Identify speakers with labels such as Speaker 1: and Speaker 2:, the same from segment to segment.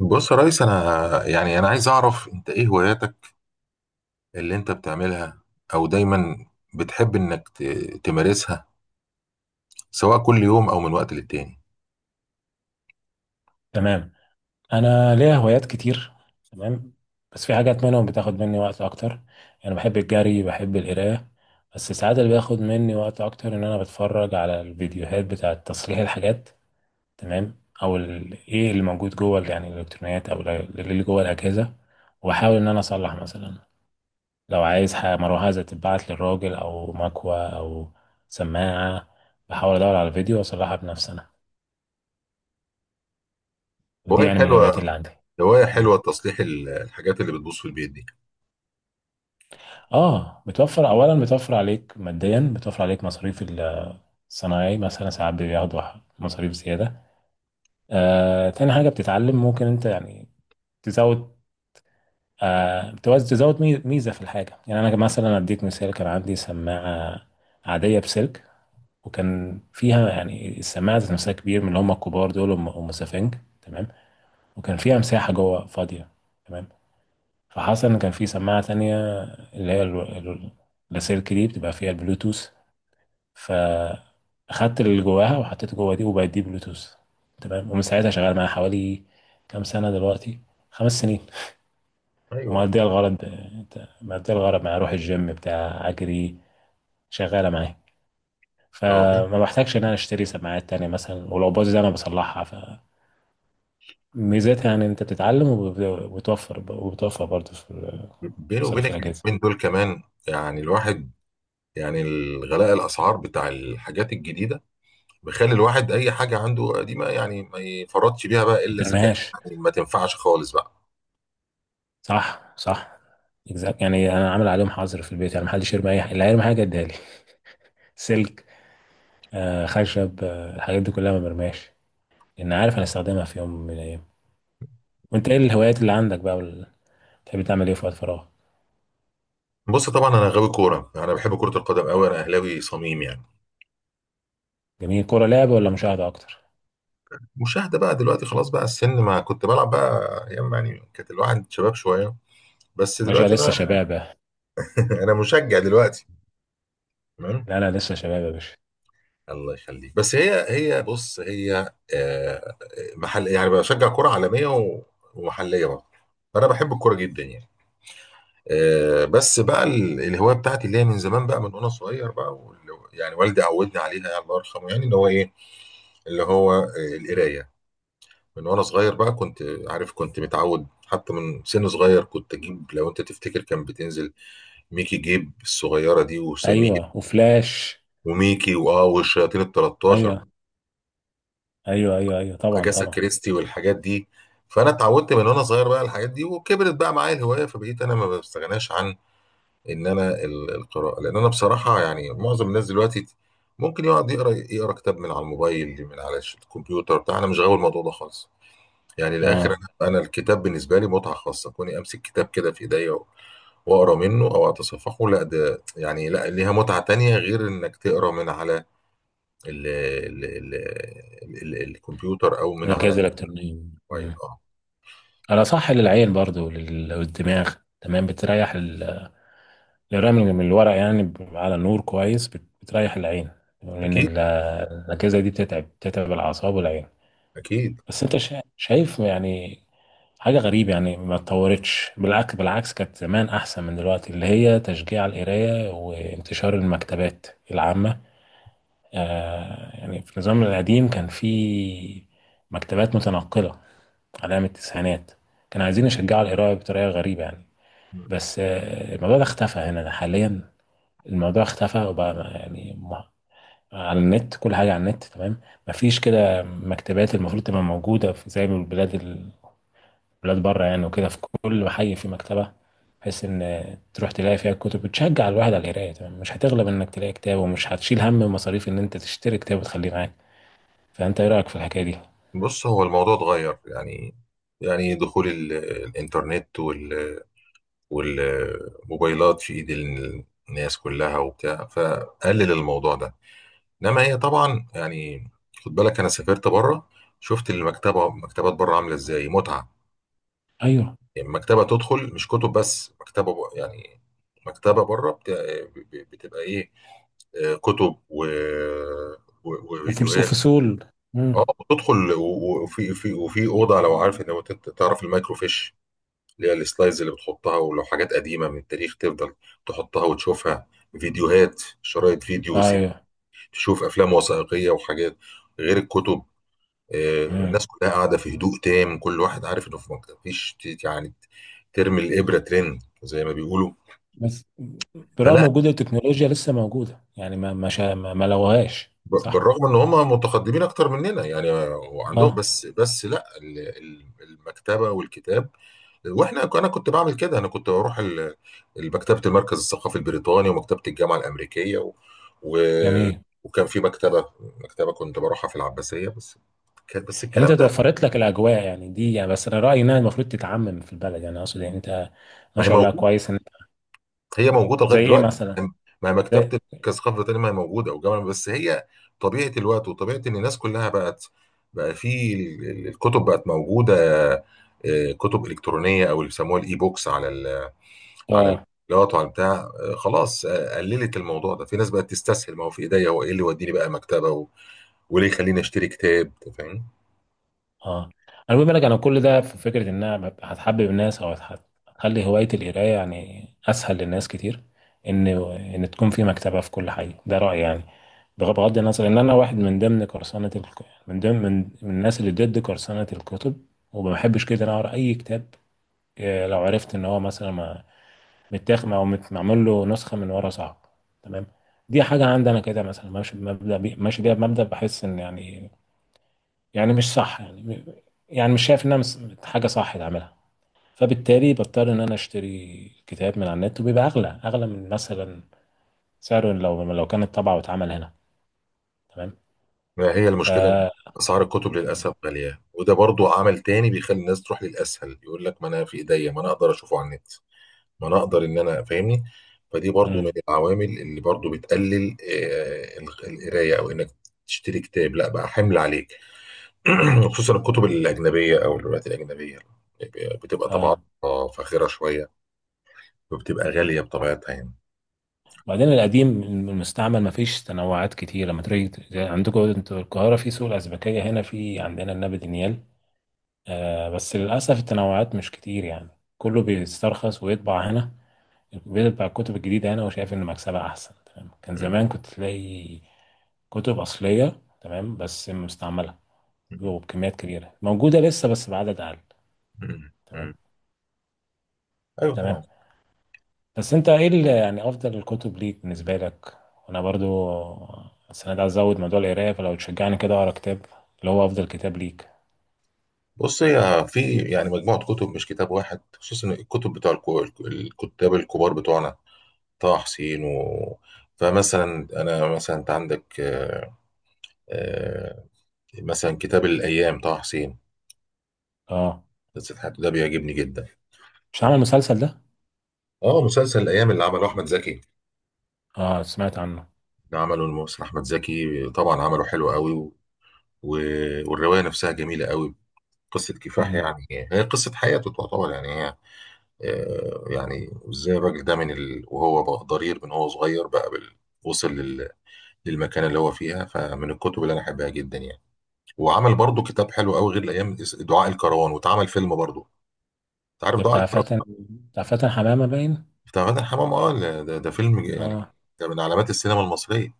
Speaker 1: بص يا ريس، انا عايز اعرف، انت ايه هواياتك اللي انت بتعملها او دايما بتحب انك تمارسها، سواء كل يوم او من وقت للتاني.
Speaker 2: تمام. انا ليا هوايات كتير. تمام، بس في حاجات منهم بتاخد مني وقت اكتر. انا بحب الجري، بحب القرايه، بس ساعات اللي بياخد مني وقت اكتر ان انا بتفرج على الفيديوهات بتاعه تصليح الحاجات. تمام، او ايه اللي موجود جوه يعني الالكترونيات، او اللي جوه الاجهزه، واحاول ان انا اصلح. مثلا لو عايز حاجه مروحه تتبعت للراجل، او مكوه، او سماعه، بحاول ادور على الفيديو واصلحها بنفسي انا. ودي
Speaker 1: هواية
Speaker 2: يعني من
Speaker 1: حلوة.
Speaker 2: الهوايات اللي عندي.
Speaker 1: هواية حلوة تصليح الحاجات اللي بتبوظ في البيت دي.
Speaker 2: اه، بتوفر، اولا بتوفر عليك ماديا، بتوفر عليك مصاريف. الصناعي مثلا ساعات بياخدوا مصاريف زياده. تاني حاجه بتتعلم، ممكن انت يعني تزود. تزود ميزه في الحاجه. يعني انا مثلا اديك مثال، كان عندي سماعه عاديه بسلك، وكان فيها يعني السماعه ذات نفسها كبير من اللي هم الكبار دول ام أم سفنج. تمام، وكان فيها مساحه جوه فاضيه. تمام، فحصل ان كان في سماعه تانية، اللي هي اللاسلكي دي بتبقى فيها البلوتوث، فاخدت اللي جواها وحطيته جوا دي وبقت دي بلوتوث. تمام، ومن ساعتها شغال معايا حوالي كام سنة دلوقتي، 5 سنين.
Speaker 1: ايوه.
Speaker 2: ومقضية الغرض. مقضية الغرض معايا، اروح الجيم بتاع اجري، شغالة معايا،
Speaker 1: هو بين-
Speaker 2: فما بحتاجش ان انا اشتري سماعات تانية مثلا، ولو باظت انا بصلحها. فميزتها يعني انت بتتعلم وبتوفر، وبتوفر برضه في
Speaker 1: بيني
Speaker 2: مصاريف
Speaker 1: وبينك
Speaker 2: الاجهزة.
Speaker 1: اليومين دول كمان يعني الواحد، يعني الغلاء الاسعار بتاع الحاجات الجديده بيخلي الواحد اي حاجه عنده قديمه يعني ما يفرطش بيها بقى
Speaker 2: ما
Speaker 1: الا اذا كانت
Speaker 2: بترميهاش.
Speaker 1: يعني ما تنفعش خالص بقى.
Speaker 2: صح صح. exact. يعني انا عامل عليهم حظر في البيت، يعني محدش يرمي اي حاجة، اللي هيرمي حاجة اديها لي. سلك، خشب، الحاجات دي كلها ما برماش، لان عارف انا استخدمها في يوم من الايام. وانت ايه الهوايات اللي عندك بقى بتحب تعمل ايه في وقت فراغ؟
Speaker 1: بص طبعا انا غاوي كوره، يعني انا بحب كره القدم قوي، انا اهلاوي صميم يعني.
Speaker 2: جميل. كوره لعب ولا مشاهده اكتر؟
Speaker 1: مشاهده بقى دلوقتي، خلاص بقى السن، ما كنت بلعب بقى ايام، يعني كانت الواحد شباب شويه، بس
Speaker 2: باشا
Speaker 1: دلوقتي
Speaker 2: لسه
Speaker 1: بقى.
Speaker 2: شبابه.
Speaker 1: انا مشجع دلوقتي. تمام.
Speaker 2: لا لا، لسه شباب يا باشا.
Speaker 1: الله يخليك، بس هي بص، هي محل يعني بشجع كره عالميه ومحليه برضه، فانا بحب الكوره جدا يعني. بس بقى الهوايه بتاعتي اللي هي من زمان بقى من وانا صغير بقى يعني والدي عودني عليها، يعني الله يرحمه، يعني اللي هو ايه، اللي هو القرايه. من وانا صغير بقى كنت عارف، كنت متعود حتى من سن صغير، كنت اجيب لو انت تفتكر كان بتنزل ميكي جيب الصغيره دي، وسمير
Speaker 2: ايوه، وفلاش.
Speaker 1: وميكي واه والشياطين ال 13،
Speaker 2: ايوه ايوه ايوه ايوه، طبعا
Speaker 1: اجاسا
Speaker 2: طبعا.
Speaker 1: كريستي والحاجات دي. فانا اتعودت من وانا صغير بقى على الحاجات دي، وكبرت بقى معايا الهوايه، فبقيت انا ما بستغناش عن ان انا القراءه. لان انا بصراحه يعني معظم الناس دلوقتي ممكن يقعد يقرا كتاب من على الموبايل، من على الكمبيوتر بتاع. انا مش غاوي الموضوع ده خالص يعني الاخر.
Speaker 2: اه،
Speaker 1: انا الكتاب بالنسبه لي متعه خاصه، كوني امسك كتاب كده في ايديا واقرا منه او اتصفحه، لا ده يعني لا ليها متعه تانية غير انك تقرا من على ال ال ال ال الكمبيوتر او من على
Speaker 2: الاجهزه الالكترونيه.
Speaker 1: الموبايل،
Speaker 2: مم.
Speaker 1: اه.
Speaker 2: انا صح، للعين برضو، للدماغ. تمام، بتريح الرمل من الورق، يعني على النور كويس، بتريح العين، لان
Speaker 1: اكيد.
Speaker 2: الاجهزه دي بتتعب، بتتعب الاعصاب والعين.
Speaker 1: اكيد.
Speaker 2: بس انت شايف يعني حاجة غريبة، يعني ما اتطورتش، بالعكس بالعكس، كانت زمان أحسن من دلوقتي، اللي هي تشجيع القراية وانتشار المكتبات العامة. آه يعني في النظام القديم كان في مكتبات متنقلة على أيام التسعينات، كانوا عايزين يشجعوا القراية بطريقة غريبة يعني. بس آه الموضوع ده اختفى هنا حاليا. الموضوع اختفى، وبقى يعني على النت، كل حاجة على النت. تمام، مفيش كده مكتبات المفروض تبقى موجودة في، زي ما البلاد، بلاد بره يعني، وكده في كل محي في مكتبة، بحيث ان تروح تلاقي فيها الكتب، بتشجع الواحد على القراية. تمام، مش هتغلب انك تلاقي كتاب، ومش هتشيل هم مصاريف ان انت تشتري كتاب وتخليه معاك. فانت ايه رأيك في الحكاية دي؟
Speaker 1: بص هو الموضوع اتغير يعني، يعني دخول الانترنت والموبايلات في ايد الناس كلها وبتاع، فقلل الموضوع ده. انما هي طبعا يعني خد بالك انا سافرت بره، شفت المكتبه، مكتبات بره عامله ازاي متعه.
Speaker 2: ايوه،
Speaker 1: يعني مكتبه تدخل مش كتب بس، مكتبه يعني مكتبه بره بتبقى ايه؟ كتب
Speaker 2: وفلوس،
Speaker 1: وفيديوهات.
Speaker 2: وفصول.
Speaker 1: اه،
Speaker 2: امم.
Speaker 1: وتدخل وفي وفي اوضه، لو عارف، لو انت تعرف المايكرو فيش اللي هي السلايدز اللي بتحطها، ولو حاجات قديمه من التاريخ تفضل تحطها وتشوفها. فيديوهات،
Speaker 2: ايوه.
Speaker 1: تشوف افلام وثائقيه وحاجات غير الكتب.
Speaker 2: امم.
Speaker 1: الناس كلها قاعده في هدوء تام، كل واحد عارف انه في مكان مفيش يعني ترمي الابره ترن، زي ما بيقولوا.
Speaker 2: بس برغم
Speaker 1: فلا،
Speaker 2: وجود التكنولوجيا لسه موجودة يعني، ما ما شا- ما ما لغوهاش. صح.
Speaker 1: بالرغم ان هم متقدمين اكتر مننا يعني، وعندهم،
Speaker 2: اه
Speaker 1: بس لا المكتبه والكتاب. واحنا انا كنت بعمل كده، انا كنت بروح مكتبه المركز الثقافي البريطاني، ومكتبه الجامعه الامريكيه و...
Speaker 2: جميل.
Speaker 1: وكان في مكتبه، مكتبه كنت بروحها في العباسيه بس. بس
Speaker 2: يعني انت
Speaker 1: الكلام ده،
Speaker 2: توفرت لك الاجواء يعني، دي يعني بس انا رايي انها المفروض تتعمم في البلد يعني، اقصد يعني انت ما
Speaker 1: ما هي
Speaker 2: شاء الله
Speaker 1: موجود،
Speaker 2: كويس ان.
Speaker 1: هي موجوده لغايه
Speaker 2: زي ايه
Speaker 1: دلوقتي.
Speaker 2: مثلا؟
Speaker 1: ما
Speaker 2: زي.
Speaker 1: مكتبه كثقافه تانية ما هي موجوده، وجامعه، بس هي طبيعه الوقت وطبيعه ان الناس كلها بقت، بقى في الكتب بقت موجوده كتب الكترونيه، او اللي بيسموها الاي بوكس، على ال، على
Speaker 2: اه
Speaker 1: الفيديوهات وعلى بتاع. خلاص، قللت الموضوع ده. في ناس بقت تستسهل، ما هو في ايديا، هو ايه اللي يوديني بقى مكتبه وليه يخليني اشتري كتاب؟ أنت فاهم.
Speaker 2: اه. انا بقول لك، انا كل ده في فكره ان انا ببقى هتحبب الناس، هتخلي هوايه القرايه يعني اسهل للناس كتير، ان ان تكون في مكتبه في كل حي، ده رايي يعني. بغض النظر ان انا واحد من ضمن من ضمن من الناس اللي ضد قرصنه الكتب، وما بحبش كده انا اقرا اي كتاب لو عرفت ان هو مثلا متاخد معمول له نسخه من ورا. صعب. تمام، دي حاجه عندي انا كده، مثلا ماشي ماشي بيها بمبدا، بحس ان يعني، يعني مش صح يعني، يعني مش شايف انها حاجه صح تعملها. فبالتالي بضطر ان انا اشتري كتاب من على النت، وبيبقى اغلى، اغلى من مثلا سعره، لو كانت طبعه واتعمل هنا. تمام.
Speaker 1: ما هي
Speaker 2: ف
Speaker 1: المشكله إن اسعار الكتب للاسف غاليه، وده برضو عمل تاني بيخلي الناس تروح للاسهل. يقول لك ما انا في ايديا، ما انا اقدر اشوفه على النت، ما انا اقدر ان انا فاهمني. فدي برضو من
Speaker 2: امم.
Speaker 1: العوامل اللي برضو بتقلل القرايه، او انك تشتري كتاب، لا بقى حمل عليك. خصوصا الكتب الاجنبيه او الروايات الاجنبيه بتبقى
Speaker 2: اه،
Speaker 1: طبعاتها فاخره شويه، وبتبقى غاليه بطبيعتها يعني.
Speaker 2: وبعدين القديم المستعمل ما فيش تنوعات كتير. لما تيجي عندكم انتوا القاهره في سوق الازبكيه، هنا في عندنا النبي دانيال، آه، بس للاسف التنوعات مش كتير يعني، كله بيسترخص ويطبع هنا الكمبيوتر بتاع الكتب الجديدة. أنا وشايف إن مكسبها أحسن. تمام. كان
Speaker 1: مم.
Speaker 2: زمان كنت تلاقي كتب أصلية، تمام، بس مستعملة
Speaker 1: مم.
Speaker 2: وبكميات كبيرة، موجودة لسه بس بعدد أقل.
Speaker 1: مم.
Speaker 2: تمام.
Speaker 1: مم. ايوه طبعا.
Speaker 2: تمام. بس أنت إيه اللي يعني أفضل الكتب ليك بالنسبة لك؟ وأنا برضو السنة دي عايز أزود موضوع القراية، فلو تشجعني كده أقرأ كتاب، اللي هو أفضل كتاب ليك.
Speaker 1: بص هي في يعني مجموعه كتب، مش كتاب واحد، خصوصا الكتب بتوع الكتاب الكبار بتوعنا، طه حسين فمثلا انا، مثلا انت عندك آه، مثلا كتاب الأيام، طه حسين،
Speaker 2: أه.
Speaker 1: قصة حياته، ده بيعجبني جدا.
Speaker 2: مش هعمل مسلسل ده؟
Speaker 1: اه، مسلسل الأيام اللي عمله أحمد زكي،
Speaker 2: أه سمعت عنه.
Speaker 1: اللي عمله الممثل أحمد زكي، طبعا عمله حلو قوي و... والرواية نفسها جميلة قوي. قصة كفاح
Speaker 2: مم.
Speaker 1: يعني، هي قصة حياته تعتبر يعني هي يعني ازاي الراجل ده من وهو بقى ضرير من هو صغير بقى وصل للمكانة اللي هو فيها. فمن الكتب اللي أنا أحبها جدا يعني. وعمل برضه كتاب حلو قوي غير الأيام، دعاء الكروان، واتعمل فيلم برضه. أنت عارف
Speaker 2: ده
Speaker 1: دعاء
Speaker 2: بتاع
Speaker 1: الكروان؟
Speaker 2: فاتن؟ بتاع فاتن حمامة باين؟
Speaker 1: بتاع مدحت حمام، اه، ده فيلم يعني
Speaker 2: أه.
Speaker 1: ده من علامات السينما المصرية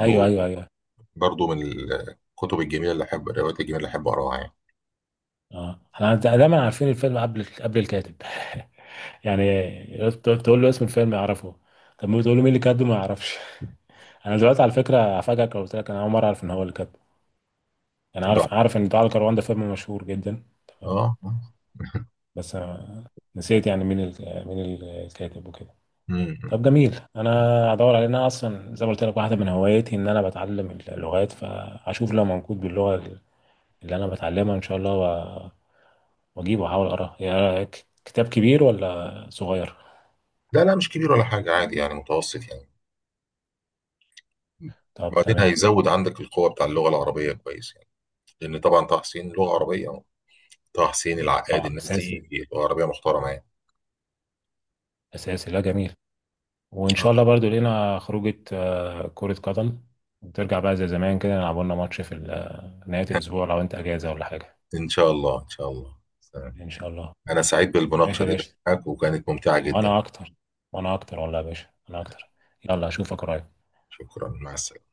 Speaker 2: أيوه أيوه أيوه.
Speaker 1: برضو من الكتب الجميلة اللي أحب، الروايات الجميلة اللي أحب أقراها يعني.
Speaker 2: اه، احنا دايما عارفين الفيلم قبل الكاتب. يعني تقول له اسم الفيلم يعرفه، طب ما تقول له مين اللي كاتبه ما يعرفش. انا دلوقتي على فكره هفاجئك لو قلت لك انا اول مره اعرف ان هو اللي كاتبه. انا
Speaker 1: ده-
Speaker 2: عارف، عارف ان دعاء الكروان ده فيلم مشهور جدا. تمام.
Speaker 1: اه.
Speaker 2: بس أنا نسيت يعني مين الكاتب وكده.
Speaker 1: مم.
Speaker 2: طب جميل. انا هدور عليه. انا اصلا زي ما قلت لك، واحده من هواياتي ان انا بتعلم اللغات، فاشوف لو موجود باللغه اللي انا بتعلمها ان شاء الله، واجيبه احاول اقراه. يا كتاب كبير ولا صغير؟
Speaker 1: لا لا، مش كبير ولا حاجة، عادي يعني متوسط يعني.
Speaker 2: طب
Speaker 1: وبعدين
Speaker 2: تمام.
Speaker 1: هيزود عندك القوة بتاع اللغة العربية كويس يعني، لأن طبعا طه حسين لغة عربية، طه حسين العقاد
Speaker 2: اه
Speaker 1: الناس
Speaker 2: اساسي.
Speaker 1: دي لغة عربية محترمة يعني.
Speaker 2: اساسي. لا جميل. وان
Speaker 1: اه
Speaker 2: شاء الله
Speaker 1: طبعا.
Speaker 2: برضو لينا خروجه كره قدم، وترجع بقى زي زمان كده، نلعب لنا ماتش في نهايه الاسبوع لو انت اجازه ولا حاجه.
Speaker 1: إن شاء الله إن شاء الله، سلام.
Speaker 2: ان شاء الله.
Speaker 1: أنا سعيد
Speaker 2: ماشي
Speaker 1: بالمناقشة
Speaker 2: يا
Speaker 1: دي
Speaker 2: باشا.
Speaker 1: معاك وكانت ممتعة جدا.
Speaker 2: وانا اكتر. وانا اكتر والله يا باشا، انا اكتر. يلا اشوفك قريب.
Speaker 1: شكرا، مع السلامة.